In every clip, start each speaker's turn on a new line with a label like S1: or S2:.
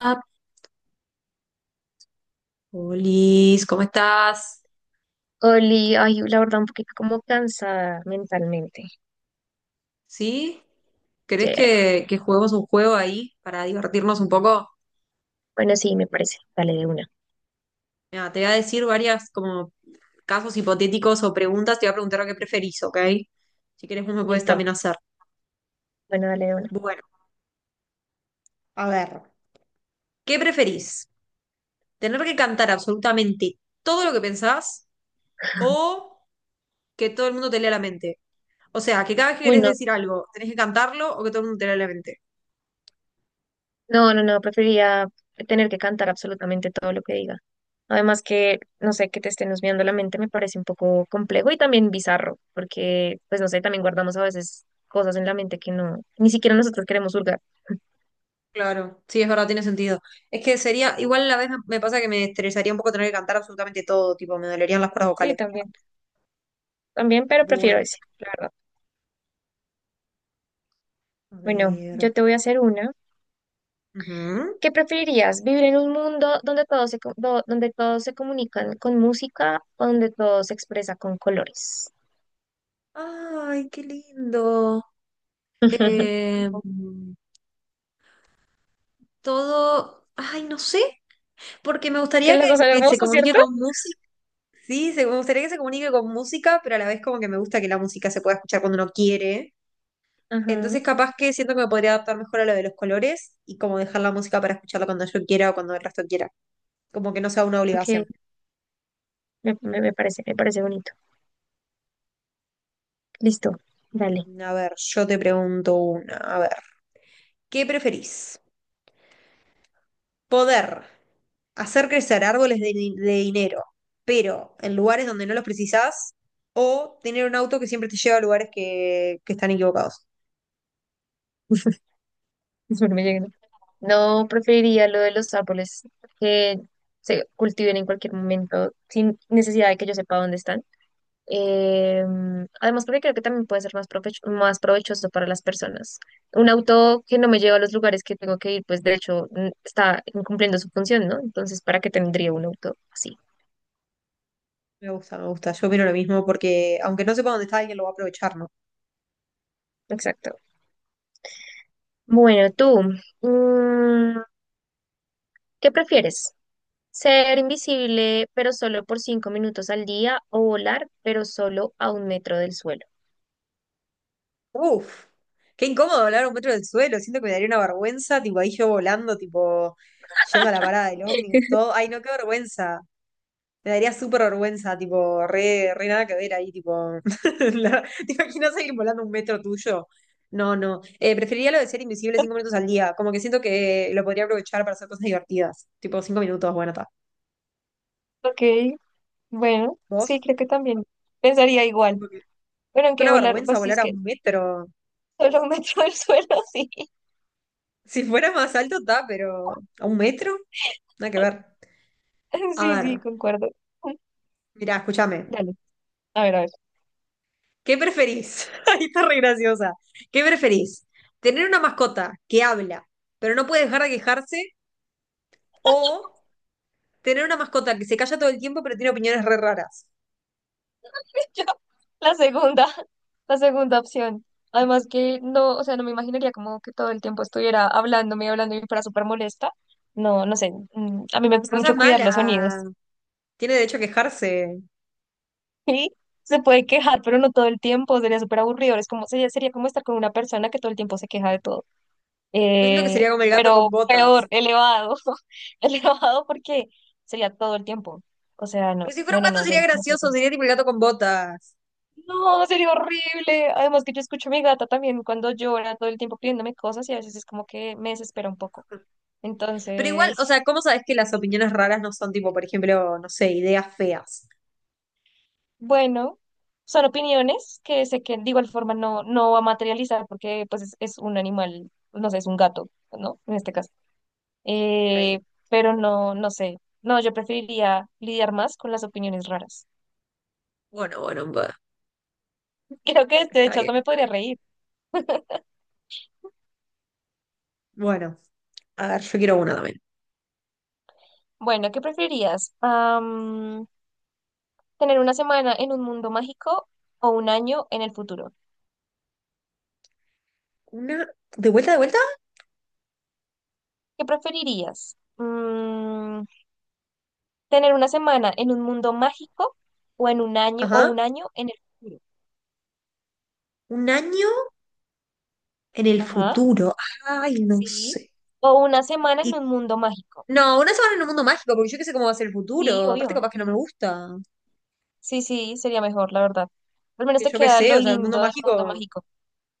S1: Ah, Polis, ¿cómo estás?
S2: Oli, ay, la verdad, un poquito como cansada mentalmente.
S1: ¿Sí?
S2: Sí,
S1: ¿Querés que juguemos un juego ahí para divertirnos un poco?
S2: bueno, sí, me parece. Dale de una.
S1: Mira, te voy a decir varias como casos hipotéticos o preguntas, te voy a preguntar lo que preferís, ¿ok? Si querés vos me puedes
S2: Listo.
S1: también hacer.
S2: Bueno, dale de una.
S1: Bueno, a ver, ¿qué preferís? ¿Tener que cantar absolutamente todo lo que pensás o que todo el mundo te lea la mente? O sea, que cada vez que
S2: Uy,
S1: querés
S2: no,
S1: decir algo, tenés que cantarlo o que todo el mundo te lea la mente.
S2: no, no, no, preferiría tener que cantar absolutamente todo lo que diga. Además que, no sé, que te estén husmeando la mente me parece un poco complejo y también bizarro, porque, pues, no sé, también guardamos a veces cosas en la mente que no, ni siquiera nosotros queremos hurgar.
S1: Claro, sí, es verdad, tiene sentido. Es que sería, igual a la vez me pasa que me estresaría un poco tener que cantar absolutamente todo, tipo, me dolerían las cuerdas
S2: Sí,
S1: vocales.
S2: también, también, pero prefiero
S1: Bueno,
S2: ese, la verdad.
S1: a
S2: Bueno,
S1: ver.
S2: yo te voy a hacer una.
S1: Ujú.
S2: ¿Qué preferirías? ¿Vivir en un mundo donde todos se, co- do- donde todos se comunican con música o donde todo se expresa con colores?
S1: Ay, qué lindo. Eh, todo, ay, no sé, porque me
S2: Es que
S1: gustaría que,
S2: las dos son
S1: que se
S2: hermosas,
S1: comunique
S2: ¿cierto?
S1: con música. Sí, me gustaría que se comunique con música, pero a la vez como que me gusta que la música se pueda escuchar cuando uno quiere.
S2: Ajá.
S1: Entonces, capaz que siento que me podría adaptar mejor a lo de los colores y como dejar la música para escucharla cuando yo quiera o cuando el resto quiera, como que no sea una
S2: Ok,
S1: obligación.
S2: me parece bonito. Listo, dale.
S1: A ver, yo te pregunto una. A ver, ¿qué preferís? ¿Poder hacer crecer árboles de dinero, pero en lugares donde no los precisás? ¿O tener un auto que siempre te lleva a lugares que están equivocados?
S2: Espero me lleguen. No preferiría lo de los árboles que se cultiven en cualquier momento sin necesidad de que yo sepa dónde están. Eh, Además, porque creo que también puede ser más más provechoso para las personas. Un auto que no me lleva a los lugares que tengo que ir, pues de hecho está incumpliendo su función, ¿no? Entonces, ¿para qué tendría un auto así?
S1: Me gusta, me gusta. Yo opino lo mismo porque aunque no sepa dónde está, alguien lo va a aprovechar, ¿no?
S2: Exacto. Bueno, tú, mm, ¿qué prefieres? ¿Ser invisible pero solo por cinco minutos al día o volar pero solo a un metro del suelo?
S1: Uf, qué incómodo hablar a un metro del suelo, siento que me daría una vergüenza, tipo ahí yo volando, tipo yendo a la parada del ómnibus, todo. Ay, no, qué vergüenza. Me daría súper vergüenza, tipo, re, re nada que ver ahí, tipo. la- ¿Te imaginas ir volando un metro tuyo? No, no. Preferiría lo de ser invisible cinco minutos al día. Como que siento que lo podría aprovechar para hacer cosas divertidas. Tipo, cinco minutos, bueno, está.
S2: Ok, bueno,
S1: ¿Vos?
S2: sí, creo que también pensaría igual.
S1: Tipo que-
S2: Pero
S1: que
S2: aunque
S1: una
S2: volar,
S1: vergüenza
S2: pues sí, es
S1: volar a
S2: que
S1: un metro.
S2: solo me meto el suelo, sí.
S1: Si fuera más alto, está, pero. ¿A un metro? Nada que ver. A
S2: Sí, sí,
S1: ver.
S2: concuerdo.
S1: Mirá, escúchame.
S2: Dale, a ver, a ver.
S1: ¿Qué preferís? Ahí está re graciosa. ¿Qué preferís? ¿Tener una mascota que habla, pero no puede dejar de quejarse? ¿O tener una mascota que se calla todo el tiempo, pero tiene opiniones re raras?
S2: Yo, la segunda, la segunda opción. Además que no, o sea, no me imaginaría como que todo el tiempo estuviera hablándome y hablando y fuera súper molesta. No, no sé. A mí me
S1: Pero
S2: gusta
S1: no
S2: mucho
S1: seas
S2: cuidar los
S1: mala.
S2: sonidos.
S1: Tiene derecho a quejarse.
S2: Sí, se puede quejar, pero no todo el tiempo. Sería súper aburrido. Es como, sería, sería como estar con una persona que todo el tiempo se queja de todo.
S1: Yo siento que sería como el gato
S2: Pero
S1: con
S2: peor,
S1: botas.
S2: elevado, elevado porque sería todo el tiempo. O sea, no,
S1: Pero si fuera
S2: no,
S1: un
S2: no,
S1: gato
S2: no, yo
S1: sería
S2: no, no puedo
S1: gracioso,
S2: con eso.
S1: sería tipo el gato con botas.
S2: No, sería horrible. Además que yo escucho a mi gata también cuando llora todo el tiempo pidiéndome cosas y a veces es como que me desespera un poco.
S1: Pero igual, o
S2: Entonces,
S1: sea, ¿cómo sabes que las opiniones raras no son tipo, por ejemplo, no sé, ideas feas?
S2: bueno, son opiniones que sé que de igual forma no, no va a materializar porque pues es un animal, no sé, es un gato, ¿no? En este caso. Eh,
S1: Ok.
S2: pero no, no sé. No, yo preferiría lidiar más con las opiniones raras.
S1: Bueno, bueno, bueno.
S2: Creo que de
S1: Está
S2: hecho
S1: bien,
S2: hasta me
S1: está
S2: podría
S1: bien.
S2: reír.
S1: Bueno, a ver, yo quiero una también.
S2: Bueno, ¿qué preferirías? ¿Tener una semana en un mundo mágico o un año en el futuro?
S1: Una, de vuelta,
S2: ¿Qué preferirías? ¿Tener una semana en un mundo mágico o
S1: ajá,
S2: un año en el futuro?
S1: un año en el
S2: Ajá,
S1: futuro. Ay, no
S2: sí.
S1: sé.
S2: O una semana en
S1: Y
S2: un mundo mágico.
S1: no, una semana en un mundo mágico, porque yo qué sé cómo va a ser el
S2: Sí,
S1: futuro. Aparte,
S2: obvio.
S1: capaz que no me gusta.
S2: Sí, sí, sería mejor, la verdad. Al menos
S1: Que
S2: te
S1: yo qué
S2: queda
S1: sé,
S2: lo
S1: o sea, el mundo
S2: lindo del mundo
S1: mágico,
S2: mágico.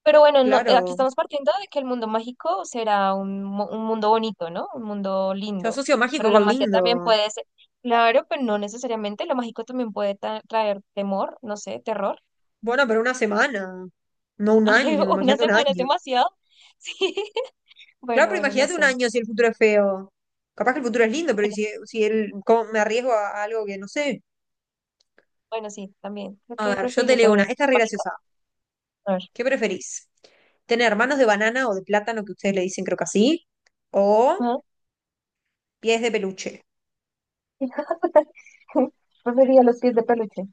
S2: Pero bueno, no, aquí
S1: claro.
S2: estamos partiendo de que el mundo mágico será un, un mundo bonito, ¿no? Un mundo
S1: Yo
S2: lindo.
S1: asocio mágico
S2: Pero la
S1: con
S2: magia también
S1: lindo.
S2: puede ser, claro, pero no necesariamente. Lo mágico también puede traer temor, no sé, terror.
S1: Bueno, pero una semana, no un
S2: Ay,
S1: año,
S2: una
S1: imagínate un
S2: semana es
S1: año.
S2: demasiado. Sí.
S1: Claro,
S2: Bueno,
S1: pero
S2: bueno, no
S1: imagínate un
S2: sé.
S1: año si el futuro es feo. Capaz que el futuro es lindo, pero ¿y
S2: Bueno,
S1: si,
S2: sí,
S1: si el, cómo me arriesgo a algo que no sé?
S2: bueno, sí, también. Creo
S1: A
S2: que
S1: ver, yo te
S2: preferiría
S1: leo
S2: también
S1: una.
S2: el
S1: Esta es
S2: mundo
S1: re
S2: mágico.
S1: graciosa.
S2: A ver.
S1: ¿Qué preferís? ¿Tener manos de banana o de plátano, que ustedes le dicen creo que así? ¿O
S2: Ajá.
S1: pies de peluche?
S2: Preferiría los pies de peluche.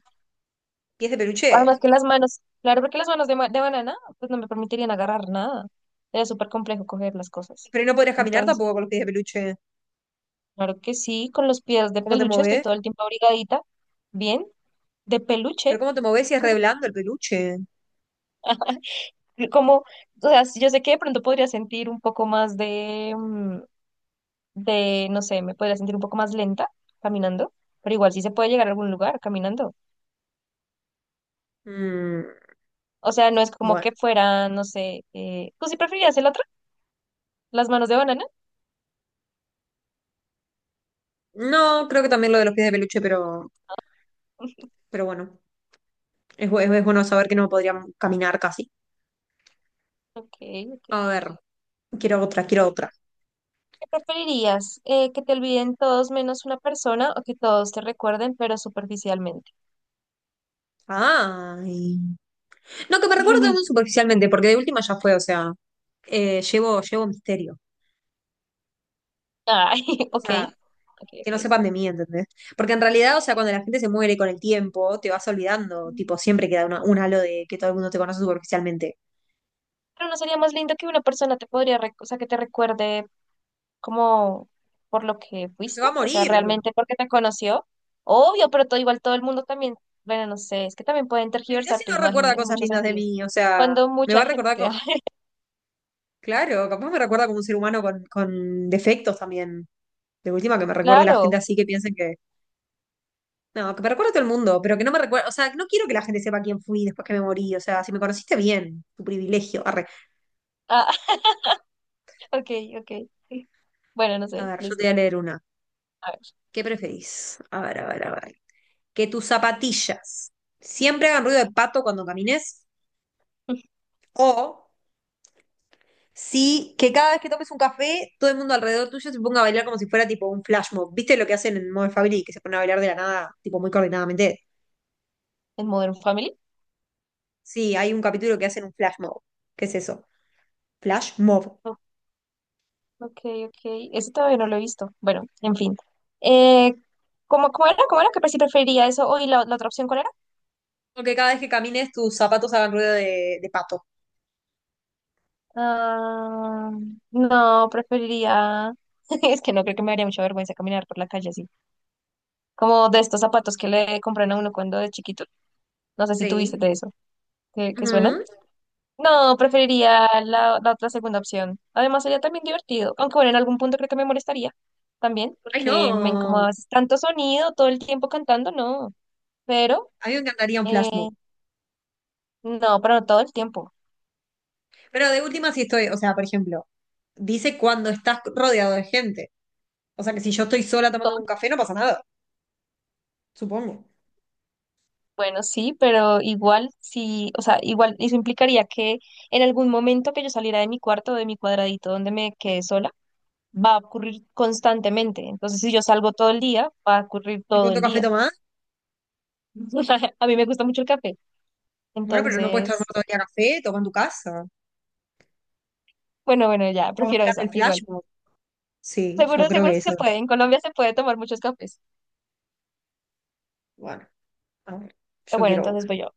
S1: ¿Pies de
S2: Además
S1: peluche?
S2: que las manos, claro, porque las manos de, de banana, pues no me permitirían agarrar nada. Era súper complejo coger las cosas.
S1: Pero no podrías caminar
S2: Entonces,
S1: tampoco con los pies de peluche.
S2: claro que sí, con los pies de
S1: ¿Cómo te
S2: peluche estoy
S1: movés?
S2: todo el tiempo abrigadita, bien, de
S1: ¿Pero
S2: peluche.
S1: cómo te movés si es re blando el peluche?
S2: Como, o sea, yo sé que de pronto podría sentir un poco más de, de, no sé, me podría sentir un poco más lenta caminando, pero igual sí se puede llegar a algún lugar caminando.
S1: Mm,
S2: O sea, no es como
S1: bueno.
S2: que fuera, no sé, ¿tú sí preferirías el otro? ¿Las manos de banana?
S1: No, creo que también lo de los pies de peluche, pero bueno. Es, es bueno saber que no podrían caminar casi.
S2: Ok, ok.
S1: A ver, quiero otra, quiero otra.
S2: ¿Qué preferirías? ¿Que te olviden todos menos una persona o que todos te recuerden, pero superficialmente?
S1: Ay. No, que me recuerdo muy superficialmente, porque de última ya fue, o sea, llevo, llevo misterio.
S2: Ay,
S1: O
S2: ok,
S1: sea,
S2: ok,
S1: que
S2: ok.
S1: no sepan de mí, ¿entendés? Porque en realidad, o sea, cuando la gente se muere con el tiempo, te vas olvidando, tipo, siempre queda un halo de que todo el mundo te conoce superficialmente.
S2: Pero no sería más lindo que una persona te podría, o sea, que te recuerde como por lo que
S1: Pero se
S2: fuiste,
S1: va a
S2: o sea,
S1: morir.
S2: realmente porque te conoció. Obvio, pero todo igual todo el mundo también, bueno, no sé, es que también pueden
S1: Pero mirá
S2: tergiversar
S1: si
S2: tu
S1: no
S2: imagen
S1: recuerda
S2: en
S1: cosas
S2: muchos
S1: lindas de
S2: sentidos.
S1: mí, o sea,
S2: Cuando
S1: me
S2: mucha
S1: va a recordar
S2: gente,
S1: co-
S2: ah,
S1: Claro, capaz me recuerda como un ser humano con defectos también. De última, que me recuerde la gente
S2: claro,
S1: así que piensen que... No, que me recuerde a todo el mundo, pero que no me recuerde... O sea, no quiero que la gente sepa quién fui después que me morí. O sea, si me conociste bien, tu privilegio. Arre.
S2: ah, ok, ok. Bueno, no
S1: A
S2: sé,
S1: ver, yo te
S2: listo.
S1: voy a leer una.
S2: A ver,
S1: ¿Qué preferís? A ver, a ver, a ver. Que tus zapatillas siempre hagan ruido de pato cuando camines o si que cada vez que tomes un café todo el mundo alrededor tuyo se ponga a bailar como si fuera tipo un flash mob. ¿Viste lo que hacen en Modern Family que se ponen a bailar de la nada, tipo muy coordinadamente?
S2: en Modern Family.
S1: Sí, hay un capítulo que hacen un flash mob. ¿Qué es eso? Flash mob.
S2: Ok, ok. Eso todavía no lo he visto. Bueno, en fin. Eh, ¿Cómo, cómo era? ¿Cómo era? ¿Qué si preferiría eso? ¿O y la otra opción cuál era?
S1: Porque cada vez que camines tus zapatos hagan ruido de pato.
S2: Ah, no, preferiría. Es que no creo que me daría mucha vergüenza caminar por la calle así. Como de estos zapatos que le compran a uno cuando de chiquito. No sé si tuviste
S1: Sí.
S2: de eso. Que suenan?
S1: Ujú.
S2: No, preferiría la, la otra segunda opción. Además, sería también divertido. Aunque bueno, en algún punto creo que me molestaría también,
S1: Ay,
S2: porque me
S1: no.
S2: incomodaba tanto sonido todo el tiempo cantando, no. Pero.
S1: A mí me encantaría un flash mob.
S2: eh, No, pero no todo el tiempo.
S1: Pero de última sí estoy, o sea, por ejemplo, dice cuando estás rodeado de gente. O sea que si yo estoy sola tomando
S2: Todo,
S1: un café, no pasa nada, supongo.
S2: bueno, sí, pero igual sí, o sea, igual eso implicaría que en algún momento que yo saliera de mi cuarto o de mi cuadradito donde me quedé sola, va a ocurrir constantemente. Entonces, si yo salgo todo el día, va a ocurrir
S1: ¿Y
S2: todo
S1: cuánto
S2: el
S1: café
S2: día.
S1: tomás?
S2: O sea, a mí me gusta mucho el café.
S1: Bueno, pero no puedes tomar
S2: Entonces,
S1: todo el día café, toma en tu casa.
S2: bueno, bueno, ya,
S1: O
S2: prefiero
S1: bancate
S2: esa,
S1: el flash
S2: igual.
S1: mob. Sí, yo
S2: Seguro,
S1: creo
S2: seguro
S1: que
S2: sí se
S1: eso.
S2: puede. En Colombia se puede tomar muchos cafés.
S1: Bueno, a ver,
S2: Pero
S1: yo
S2: bueno,
S1: quiero
S2: entonces voy yo.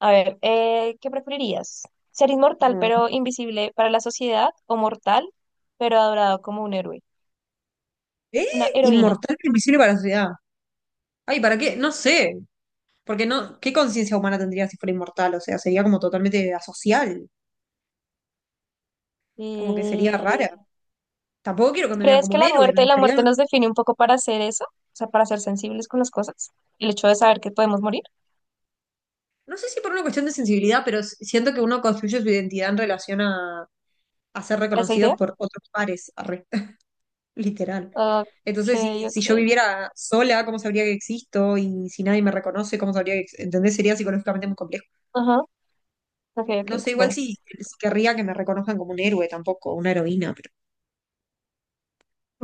S2: A ver, ¿qué preferirías? ¿Ser inmortal
S1: uno. No.
S2: pero invisible para la sociedad o mortal pero adorado como un héroe,
S1: ¿Eh?
S2: una heroína?
S1: Inmortal pero invisible para la sociedad. Ay, ¿para qué? No sé. Porque no, ¿qué conciencia humana tendría si fuera inmortal? O sea, sería como totalmente asocial, como que sería
S2: Mm,
S1: rara. Tampoco quiero que
S2: ¿Tú
S1: me vean
S2: Crees
S1: como
S2: que
S1: un héroe, me
S2: la
S1: gustaría,
S2: muerte nos define un poco para hacer eso? O sea, para ser sensibles con las cosas. El hecho de saber que podemos morir,
S1: no sé si por una cuestión de sensibilidad, pero siento que uno construye su identidad en relación a ser
S2: ¿a esa
S1: reconocidos
S2: idea?
S1: por otros pares, arre, literal.
S2: Ok,
S1: Entonces, si
S2: ok.
S1: yo viviera sola, ¿cómo sabría que existo? Y si nadie me reconoce, ¿cómo sabría que existo? ¿Entendés? Sería psicológicamente muy complejo.
S2: Ajá, ok, ok.
S1: No sé, igual
S2: Bueno,
S1: si querría que me reconozcan como un héroe tampoco, una heroína, pero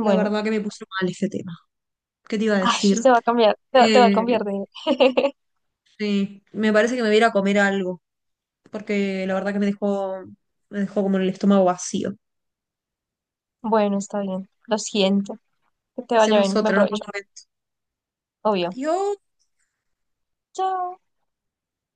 S1: la verdad que me puso mal este tema. ¿Qué te iba a
S2: Ay,
S1: decir?
S2: te va a cambiar, te va a
S1: Eh,
S2: cambiar de...
S1: sí, me parece que me voy a ir a comer algo, porque la verdad que me dejó como el estómago vacío.
S2: Bueno, está bien. Lo siento. Que te vaya
S1: Hacemos
S2: bien. Buen
S1: otra en otro
S2: provecho.
S1: momento.
S2: Obvio.
S1: Adiós.
S2: Chao.